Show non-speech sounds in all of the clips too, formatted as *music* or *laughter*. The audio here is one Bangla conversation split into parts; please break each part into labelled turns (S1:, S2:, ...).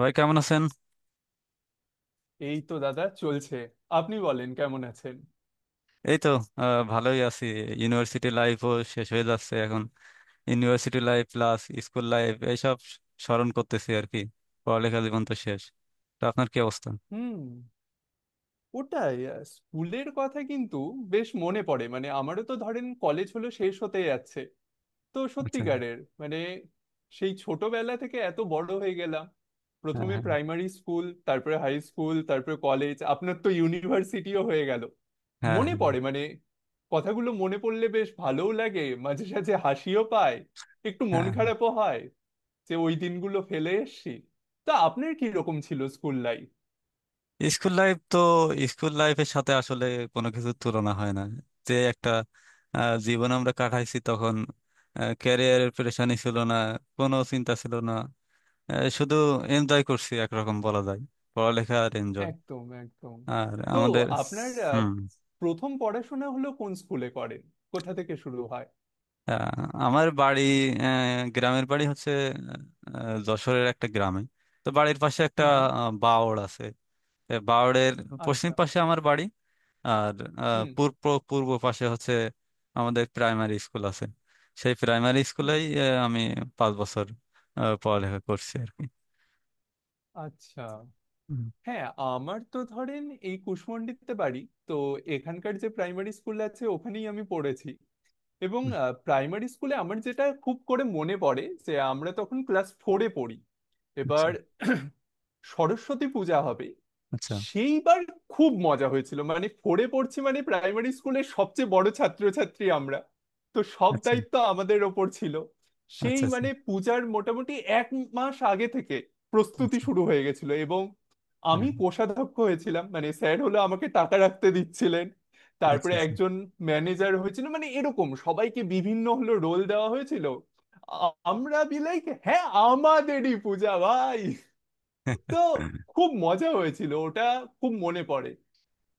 S1: ভাই, কেমন আছেন?
S2: এই তো দাদা চলছে। আপনি বলেন কেমন আছেন?
S1: এই তো, ভালোই আছি। ইউনিভার্সিটি লাইফও শেষ হয়ে যাচ্ছে এখন। University life plus school life এইসব স্মরণ করতেছি আর কি। পড়ালেখা জীবন তো শেষ। তো আপনার কি অবস্থা?
S2: হুম। ওটাই স্কুলের কথা কিন্তু বেশ মনে পড়ে। মানে আমারও তো ধরেন কলেজ হলো শেষ হতে যাচ্ছে, তো
S1: আচ্ছা।
S2: সত্যিকারের মানে সেই ছোটবেলা থেকে এত বড় হয়ে গেলাম।
S1: হ্যাঁ,
S2: প্রথমে
S1: হ্যাঁ।
S2: প্রাইমারি স্কুল, তারপরে হাই স্কুল, তারপরে কলেজ, আপনার তো ইউনিভার্সিটিও হয়ে গেল।
S1: হ্যাঁ,
S2: মনে
S1: হ্যাঁ।
S2: পড়ে মানে, কথাগুলো মনে পড়লে বেশ ভালোও লাগে, মাঝে সাঝে হাসিও পায়, একটু মন
S1: হ্যাঁ।
S2: খারাপও হয় যে ওই দিনগুলো ফেলে এসেছি। তা আপনার কি রকম ছিল স্কুল লাইফ?
S1: স্কুল লাইফ তো, স্কুল লাইফের সাথে আসলে কোনো কিছুর তুলনা হয় না। যে একটা জীবন আমরা কাটাইছি তখন। ক্যারিয়ারের প্রেশানি ছিল না, কোনো চিন্তা ছিল না। শুধু এনজয় করছি একরকম বলা যায়। পড়ালেখা আর এনজয়।
S2: একদম একদম।
S1: আর
S2: তো
S1: আমাদের।
S2: আপনার
S1: হুম।
S2: প্রথম পড়াশোনা হলো কোন স্কুলে করেন? কোথা থেকে শুরু হয়?
S1: আমার বাড়ি, গ্রামের বাড়ি হচ্ছে যশোরের একটা গ্রামে। তো বাড়ির পাশে একটা
S2: হুম হুম।
S1: বাওড় আছে। এ বাওড়ের পশ্চিম
S2: আচ্ছা।
S1: পাশে আমার বাড়ি। আর
S2: হুম
S1: পূর্ব পূর্ব পাশে হচ্ছে আমাদের প্রাইমারি স্কুল আছে। সেই প্রাইমারি
S2: হুম।
S1: স্কুলেই আমি 5 বছর পড়ালেখা করছি আর কি।
S2: আচ্ছা।
S1: হুম।
S2: হ্যাঁ, আমার তো ধরেন এই কুশমন্ডিতে বাড়ি, তো এখানকার যে প্রাইমারি স্কুল আছে ওখানেই আমি পড়েছি এবং
S1: হুম।
S2: প্রাইমারি স্কুলে আমার যেটা খুব করে মনে পড়ে যে আমরা তখন ক্লাস ফোরে পড়ি।
S1: আচ্ছা,
S2: এবার সরস্বতী পূজা হবে,
S1: আচ্ছা।
S2: সেইবার খুব মজা হয়েছিল। মানে ফোরে পড়ছি, মানে প্রাইমারি স্কুলের সবচেয়ে বড় ছাত্রছাত্রী আমরা, তো সব
S1: আচ্ছা,
S2: দায়িত্ব আমাদের ওপর ছিল। সেই
S1: আচ্ছা। আচ্ছা,
S2: মানে পূজার মোটামুটি এক মাস আগে থেকে প্রস্তুতি
S1: আচ্ছা।
S2: শুরু হয়ে গেছিল এবং
S1: হ্যাঁ।
S2: আমি কোষাধ্যক্ষ হয়েছিলাম। মানে স্যার হলো আমাকে টাকা রাখতে দিচ্ছিলেন,
S1: আচ্ছা,
S2: তারপরে
S1: আচ্ছা।
S2: একজন ম্যানেজার হয়েছিল, মানে এরকম সবাইকে বিভিন্ন হলো রোল দেওয়া হয়েছিল। আমরা বিলাইক, হ্যাঁ আমাদেরই পূজা ভাই। তো
S1: *laughs*
S2: খুব মজা হয়েছিল ওটা, খুব মনে পড়ে।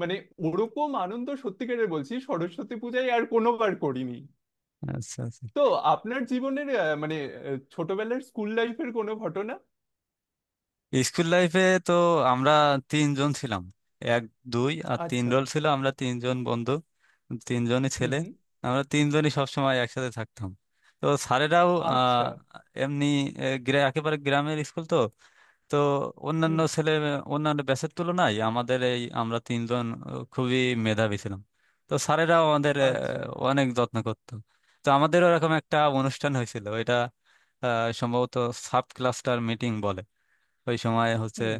S2: মানে ওরকম আনন্দ সত্যিকারের বলছি সরস্বতী পূজায় আর কোনোবার করিনি।
S1: আচ্ছা, আচ্ছা।
S2: তো আপনার জীবনের মানে ছোটবেলার স্কুল লাইফের কোনো ঘটনা?
S1: স্কুল লাইফে তো আমরা তিনজন ছিলাম। এক, দুই আর তিন
S2: আচ্ছা।
S1: রোল ছিল। আমরা তিনজন বন্ধু, তিনজনই
S2: হুম
S1: ছেলে।
S2: হুম।
S1: আমরা তিনজনই সবসময় একসাথে থাকতাম। তো স্যারেরাও
S2: আচ্ছা।
S1: এমনি, একেবারে গ্রামের স্কুল তো। তো অন্যান্য
S2: হুম।
S1: ছেলে অন্যান্য ব্যাচের তুলনায় আমাদের এই আমরা তিনজন খুবই মেধাবী ছিলাম। তো স্যারেরাও আমাদের
S2: আচ্ছা।
S1: অনেক যত্ন করতো। তো আমাদের ওরকম একটা অনুষ্ঠান হয়েছিল। এটা সম্ভবত সাব ক্লাস্টার মিটিং বলে। ওই সময় হচ্ছে
S2: হুম।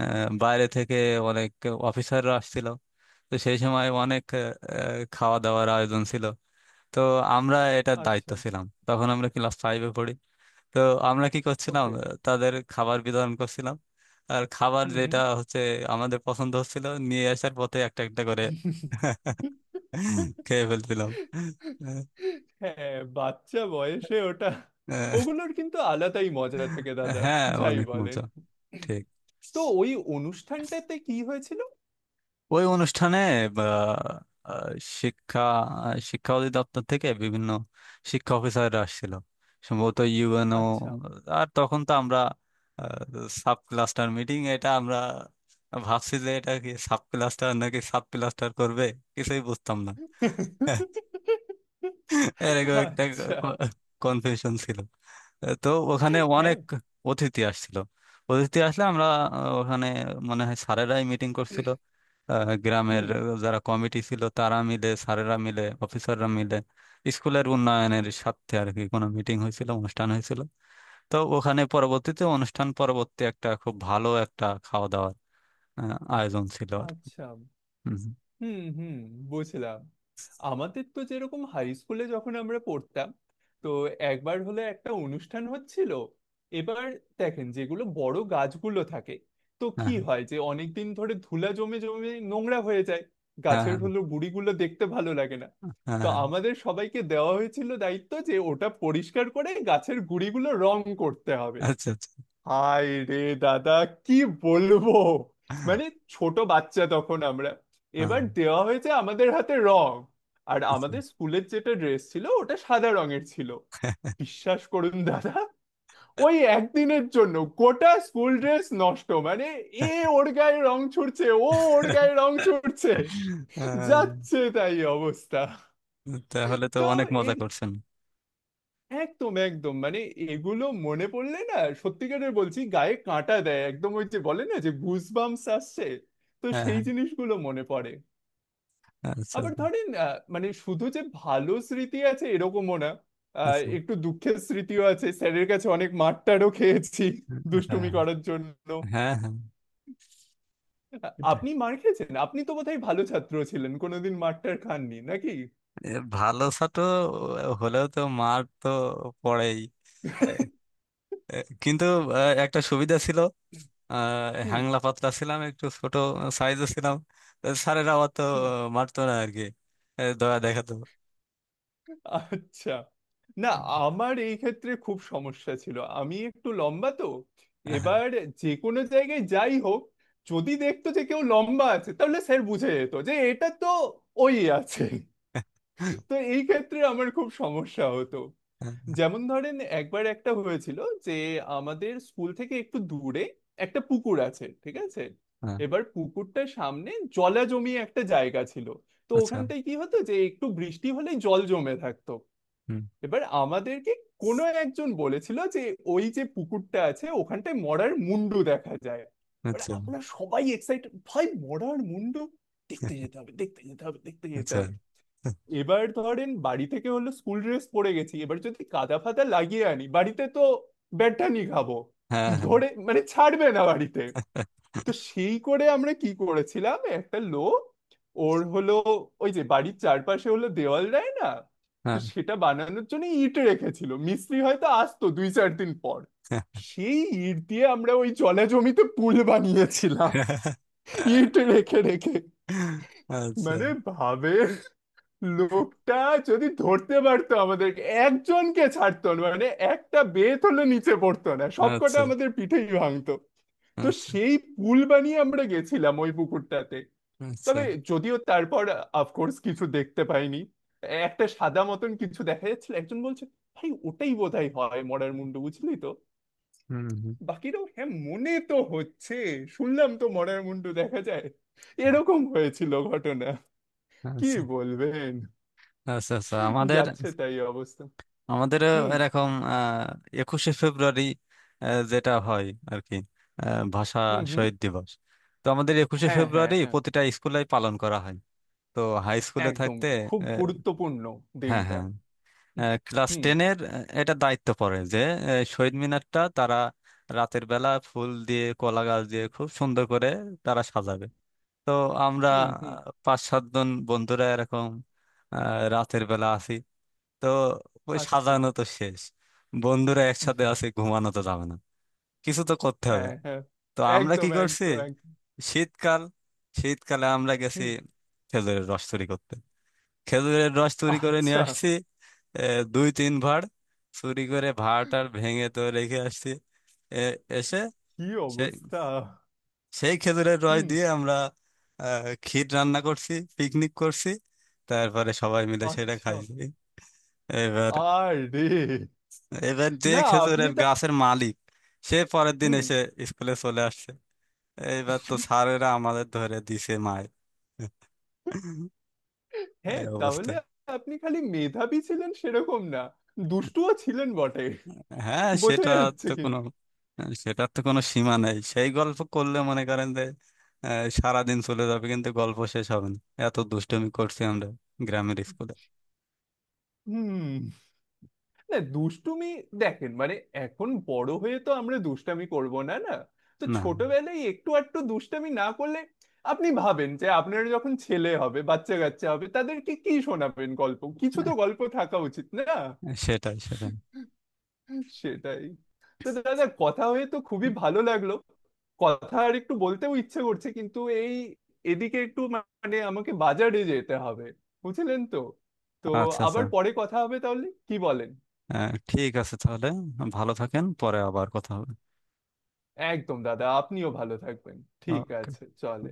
S1: বাইরে থেকে অনেক অফিসাররা আসছিল। তো সেই সময় অনেক খাওয়া দাওয়ার আয়োজন ছিল। তো আমরা এটার দায়িত্ব
S2: আচ্ছা।
S1: ছিলাম, তখন আমরা ক্লাস ফাইভে পড়ি। তো আমরা কি করছিলাম,
S2: ওকে।
S1: তাদের খাবার বিতরণ করছিলাম। আর খাবার
S2: হুম হুম।
S1: যেটা হচ্ছে আমাদের পছন্দ হচ্ছিল, নিয়ে আসার পথে একটা একটা করে *laughs* খেয়ে ফেলছিলাম। আহ,
S2: হ্যাঁ, বাচ্চা বয়সে ওটা,
S1: আহ,
S2: ওগুলোর কিন্তু আলাদাই মজা থাকে দাদা,
S1: হ্যাঁ,
S2: যাই
S1: অনেক
S2: বলেন।
S1: মজা। ঠিক।
S2: তো ওই অনুষ্ঠানটাতে কি হয়েছিল?
S1: ওই অনুষ্ঠানে আহ, আহ, শিক্ষা শিক্ষা অধিদপ্তর থেকে বিভিন্ন শিক্ষা অফিসাররা আসছিল। সম্ভবত ইউএনও।
S2: আচ্ছা
S1: আর তখন তো আমরা সাব ক্লাস্টার মিটিং, এটা আমরা ভাবছি যে এটা কি সাব ক্লাস্টার নাকি সাব ক্লাস্টার করবে, কিছুই বুঝতাম না। এরকম একটা
S2: আচ্ছা।
S1: কনফিউশন ছিল। তো ওখানে
S2: হ্যাঁ।
S1: অনেক অতিথি আসছিল। অতিথি আসলে আমরা ওখানে মনে হয় স্যারেরাই মিটিং করছিল। গ্রামের
S2: হুম।
S1: যারা কমিটি ছিল, তারা মিলে, স্যারেরা মিলে, অফিসাররা মিলে স্কুলের উন্নয়নের স্বার্থে আর কি কোনো মিটিং হয়েছিল, অনুষ্ঠান হয়েছিল। তো ওখানে পরবর্তীতে, অনুষ্ঠান পরবর্তী একটা খুব ভালো একটা খাওয়া দাওয়ার আয়োজন ছিল আর।
S2: আচ্ছা।
S1: হুম।
S2: হুম হুম। বুঝলাম। আমাদের তো যেরকম হাই স্কুলে যখন আমরা পড়তাম, তো একবার হলে একটা অনুষ্ঠান হচ্ছিল। এবার দেখেন যেগুলো বড় গাছগুলো থাকে, তো
S1: হ্যাঁ,
S2: কি হয় যে অনেকদিন ধরে ধুলা জমে জমে নোংরা হয়ে যায়,
S1: হ্যাঁ।
S2: গাছের
S1: হ্যাঁ,
S2: হলো গুড়িগুলো দেখতে ভালো লাগে না।
S1: হ্যাঁ।
S2: তো
S1: হ্যাঁ,
S2: আমাদের সবাইকে দেওয়া হয়েছিল দায়িত্ব যে ওটা পরিষ্কার করে গাছের গুড়িগুলো রং করতে হবে।
S1: আচ্ছা, আচ্ছা।
S2: হায় রে দাদা, কি বলবো।
S1: হ্যাঁ,
S2: মানে ছোট বাচ্চা তখন আমরা,
S1: হ্যাঁ।
S2: এবার দেওয়া হয়েছে আমাদের হাতে রং, আর আমাদের স্কুলের যেটা ড্রেস ছিল ওটা সাদা রঙের ছিল।
S1: আচ্ছা।
S2: বিশ্বাস করুন দাদা, ওই একদিনের জন্য গোটা স্কুল ড্রেস নষ্ট। মানে এ ওর গায়ে রং ছুড়ছে, ও ওর গায়ে রং ছুড়ছে,
S1: আহ,
S2: যাচ্ছে তাই অবস্থা।
S1: তাহলে তো
S2: তো
S1: অনেক মজা
S2: এই
S1: করছেন।
S2: একদম একদম মানে এগুলো মনে পড়লে না, সত্যিকারের বলছি গায়ে কাঁটা দেয় একদম, ওই যে বলে না যে গুজবাম্পস আসছে, তো
S1: হ্যাঁ,
S2: সেই
S1: হ্যাঁ।
S2: জিনিসগুলো মনে পড়ে।
S1: আচ্ছা,
S2: আবার ধরেন মানে শুধু যে ভালো স্মৃতি আছে এরকমও না,
S1: আচ্ছা।
S2: একটু দুঃখের স্মৃতিও আছে, স্যারের কাছে অনেক মারটারও খেয়েছি দুষ্টুমি
S1: হ্যাঁ,
S2: করার জন্য।
S1: হ্যাঁ, হ্যাঁ। সেটাই।
S2: আপনি মার খেয়েছেন? আপনি তো বোধহয় ভালো ছাত্র ছিলেন, কোনোদিন মারটার খাননি নাকি?
S1: এ, ভালো ছাত্র হলেও তো মার তো পড়েই। এ, এ, কিন্তু একটা সুবিধা ছিল। আহ,
S2: হুম
S1: হ্যাংলা পাতলা ছিলাম, একটু ছোট সাইজে ছিলাম। তো স্যারেরা অত
S2: হুম।
S1: মারতো না আর কি, দয়া দেখাতো।
S2: আচ্ছা। না,
S1: হ্যাঁ,
S2: আমার এই ক্ষেত্রে খুব সমস্যা ছিল, আমি একটু লম্বা তো,
S1: হ্যাঁ।
S2: এবার যে কোনো জায়গায় যাই হোক, যদি দেখতো যে কেউ লম্বা আছে তাহলে স্যার বুঝে যেত যে এটা তো ওই আছে।
S1: হ্যাঁ,
S2: তো এই ক্ষেত্রে আমার খুব সমস্যা হতো। যেমন ধরেন একবার একটা হয়েছিল যে আমাদের স্কুল থেকে একটু দূরে একটা পুকুর আছে, ঠিক আছে?
S1: হ্যাঁ।
S2: এবার পুকুরটার সামনে জলা জমি একটা জায়গা ছিল, তো
S1: আচ্ছা।
S2: ওখানটায় কি হতো যে একটু বৃষ্টি হলে জল জমে থাকতো।
S1: হুম।
S2: এবার আমাদেরকে কোনো একজন বলেছিল যে ওই যে পুকুরটা আছে ওখানটায় মরার মুন্ডু দেখা যায়। এবার
S1: আচ্ছা,
S2: আমরা সবাই এক্সাইটেড, ভাই মরার মুন্ডু দেখতে যেতে হবে দেখতে যেতে হবে দেখতে যেতে
S1: আচ্ছা।
S2: হবে। এবার ধরেন বাড়ি থেকে হলো স্কুল ড্রেস পরে গেছি, এবার যদি কাদা ফাদা লাগিয়ে আনি বাড়িতে তো ব্যাটানি খাবো,
S1: হ্যাঁ, হ্যাঁ,
S2: ধরে মানে ছাড়বে না বাড়িতে। তো সেই করে আমরা কি করেছিলাম, একটা লোক ওর হলো ওই যে বাড়ির চারপাশে হলো দেওয়াল দেয় না, তো
S1: হ্যাঁ।
S2: সেটা বানানোর জন্য ইট রেখেছিল, মিস্ত্রি হয়তো আসতো দুই চার দিন পর। সেই ইট দিয়ে আমরা ওই জলা জমিতে পুল বানিয়েছিলাম,
S1: *laughs*
S2: ইট রেখে রেখে।
S1: আচ্ছা,
S2: মানে ভাবে লোকটা যদি ধরতে পারতো আমাদেরকে একজনকে ছাড়তো না, মানে একটা বেত হলে নিচে পড়তো না, সবকটা
S1: আচ্ছা।
S2: আমাদের পিঠেই ভাঙতো। তো
S1: আচ্ছা,
S2: সেই পুল বানিয়ে আমরা গেছিলাম ওই পুকুরটাতে।
S1: আচ্ছা।
S2: তবে যদিও তারপর অফকোর্স কিছু দেখতে পাইনি, একটা সাদা মতন কিছু দেখা যাচ্ছিল, একজন বলছে ভাই ওটাই বোধহয় হয় মরার মুন্ডু, বুঝলি তো।
S1: হুম, হুম।
S2: বাকিরাও হ্যাঁ মনে তো হচ্ছে, শুনলাম তো মরার মুন্ডু দেখা যায়। এরকম হয়েছিল ঘটনা, কি
S1: আচ্ছা,
S2: বলবেন?
S1: আচ্ছা। আচ্ছা। আমাদের
S2: যাচ্ছে তাই অবস্থা।
S1: আমাদের
S2: হুম
S1: এরকম 21শে ফেব্রুয়ারি যেটা হয় আর কি, ভাষা
S2: হুম। হুম।
S1: শহীদ দিবস। তো আমাদের একুশে
S2: হ্যাঁ হ্যাঁ
S1: ফেব্রুয়ারি
S2: হ্যাঁ।
S1: প্রতিটা স্কুলে পালন করা হয়। তো হাই স্কুলে
S2: একদম
S1: থাকতে
S2: খুব
S1: আহ,
S2: গুরুত্বপূর্ণ
S1: হ্যাঁ,
S2: দিনটা।
S1: হ্যাঁ,
S2: হুম
S1: ক্লাস
S2: হুম।
S1: টেনের এটা দায়িত্ব পড়ে যে শহীদ মিনারটা তারা রাতের বেলা ফুল দিয়ে কলা গাছ দিয়ে খুব সুন্দর করে তারা সাজাবে। তো আমরা
S2: হুম হুম।
S1: পাঁচ সাতজন বন্ধুরা এরকম আহ, রাতের বেলা আসি। তো ওই
S2: আচ্ছা।
S1: সাজানো তো শেষ, বন্ধুরা একসাথে
S2: হুম।
S1: আছে, ঘুমানো তো যাবে না, কিছু তো করতে হবে।
S2: হ্যাঁ হ্যাঁ।
S1: তো আমরা কি
S2: একদম
S1: করছি,
S2: একদম একদম।
S1: শীতকাল শীতকালে আমরা গেছি
S2: হুম।
S1: খেজুরের রস চুরি করতে। খেজুরের রস চুরি করে নিয়ে
S2: আচ্ছা।
S1: আসছি দুই তিন ভাঁড়। চুরি করে ভাঁড় টাড় ভেঙে তো রেখে আসছি। এসে
S2: কি অবস্থা।
S1: সেই খেজুরের রস
S2: হুম।
S1: দিয়ে আমরা ক্ষীর রান্না করছি, পিকনিক করছি। তারপরে সবাই মিলে সেটা
S2: আচ্ছা।
S1: খাইছি। এবার
S2: আরে
S1: এবার যে
S2: না, আপনি
S1: খেজুরের
S2: তা।
S1: গাছের মালিক, সে পরের দিন
S2: হুম।
S1: এসে স্কুলে চলে আসছে। এইবার তো স্যারেরা আমাদের ধরে দিছে মায়ের। এই
S2: হ্যাঁ
S1: অবস্থা।
S2: তাহলে আপনি খালি মেধাবী ছিলেন সেরকম না, দুষ্টুও ছিলেন বটে,
S1: হ্যাঁ,
S2: বোঝা
S1: সেটা।
S2: যাচ্ছে
S1: তো কোনো
S2: কিন্তু।
S1: সেটার তো কোনো সীমা নেই, সেই গল্প করলে মনে করেন যে আহ, সারাদিন চলে যাবে কিন্তু গল্প শেষ হবে না। এত দুষ্টুমি করছি আমরা গ্রামের স্কুলে।
S2: হুম। না দুষ্টুমি দেখেন মানে, এখন বড় হয়ে তো আমরা দুষ্টামি করব না, না? তো
S1: না।
S2: ছোটবেলায় একটু আধটু দুষ্টামি না করলে, আপনি ভাবেন যে আপনার যখন ছেলে হবে, বাচ্চা কাচ্চা হবে, তাদেরকে কি শোনাবেন গল্প? কিছু তো গল্প থাকা উচিত না?
S1: সেটাই, সেটাই।
S2: সেটাই। তো দাদা কথা হয়ে তো খুবই ভালো লাগলো, কথা আর একটু বলতেও ইচ্ছে করছে, কিন্তু এই এদিকে একটু মানে আমাকে বাজারে যেতে হবে, বুঝলেন তো। তো
S1: আচ্ছা, আচ্ছা।
S2: আবার পরে কথা হবে তাহলে, কি বলেন?
S1: ঠিক আছে তাহলে, ভালো থাকেন, পরে আবার কথা হবে।
S2: একদম দাদা, আপনিও ভালো থাকবেন, ঠিক
S1: ওকে।
S2: আছে চলে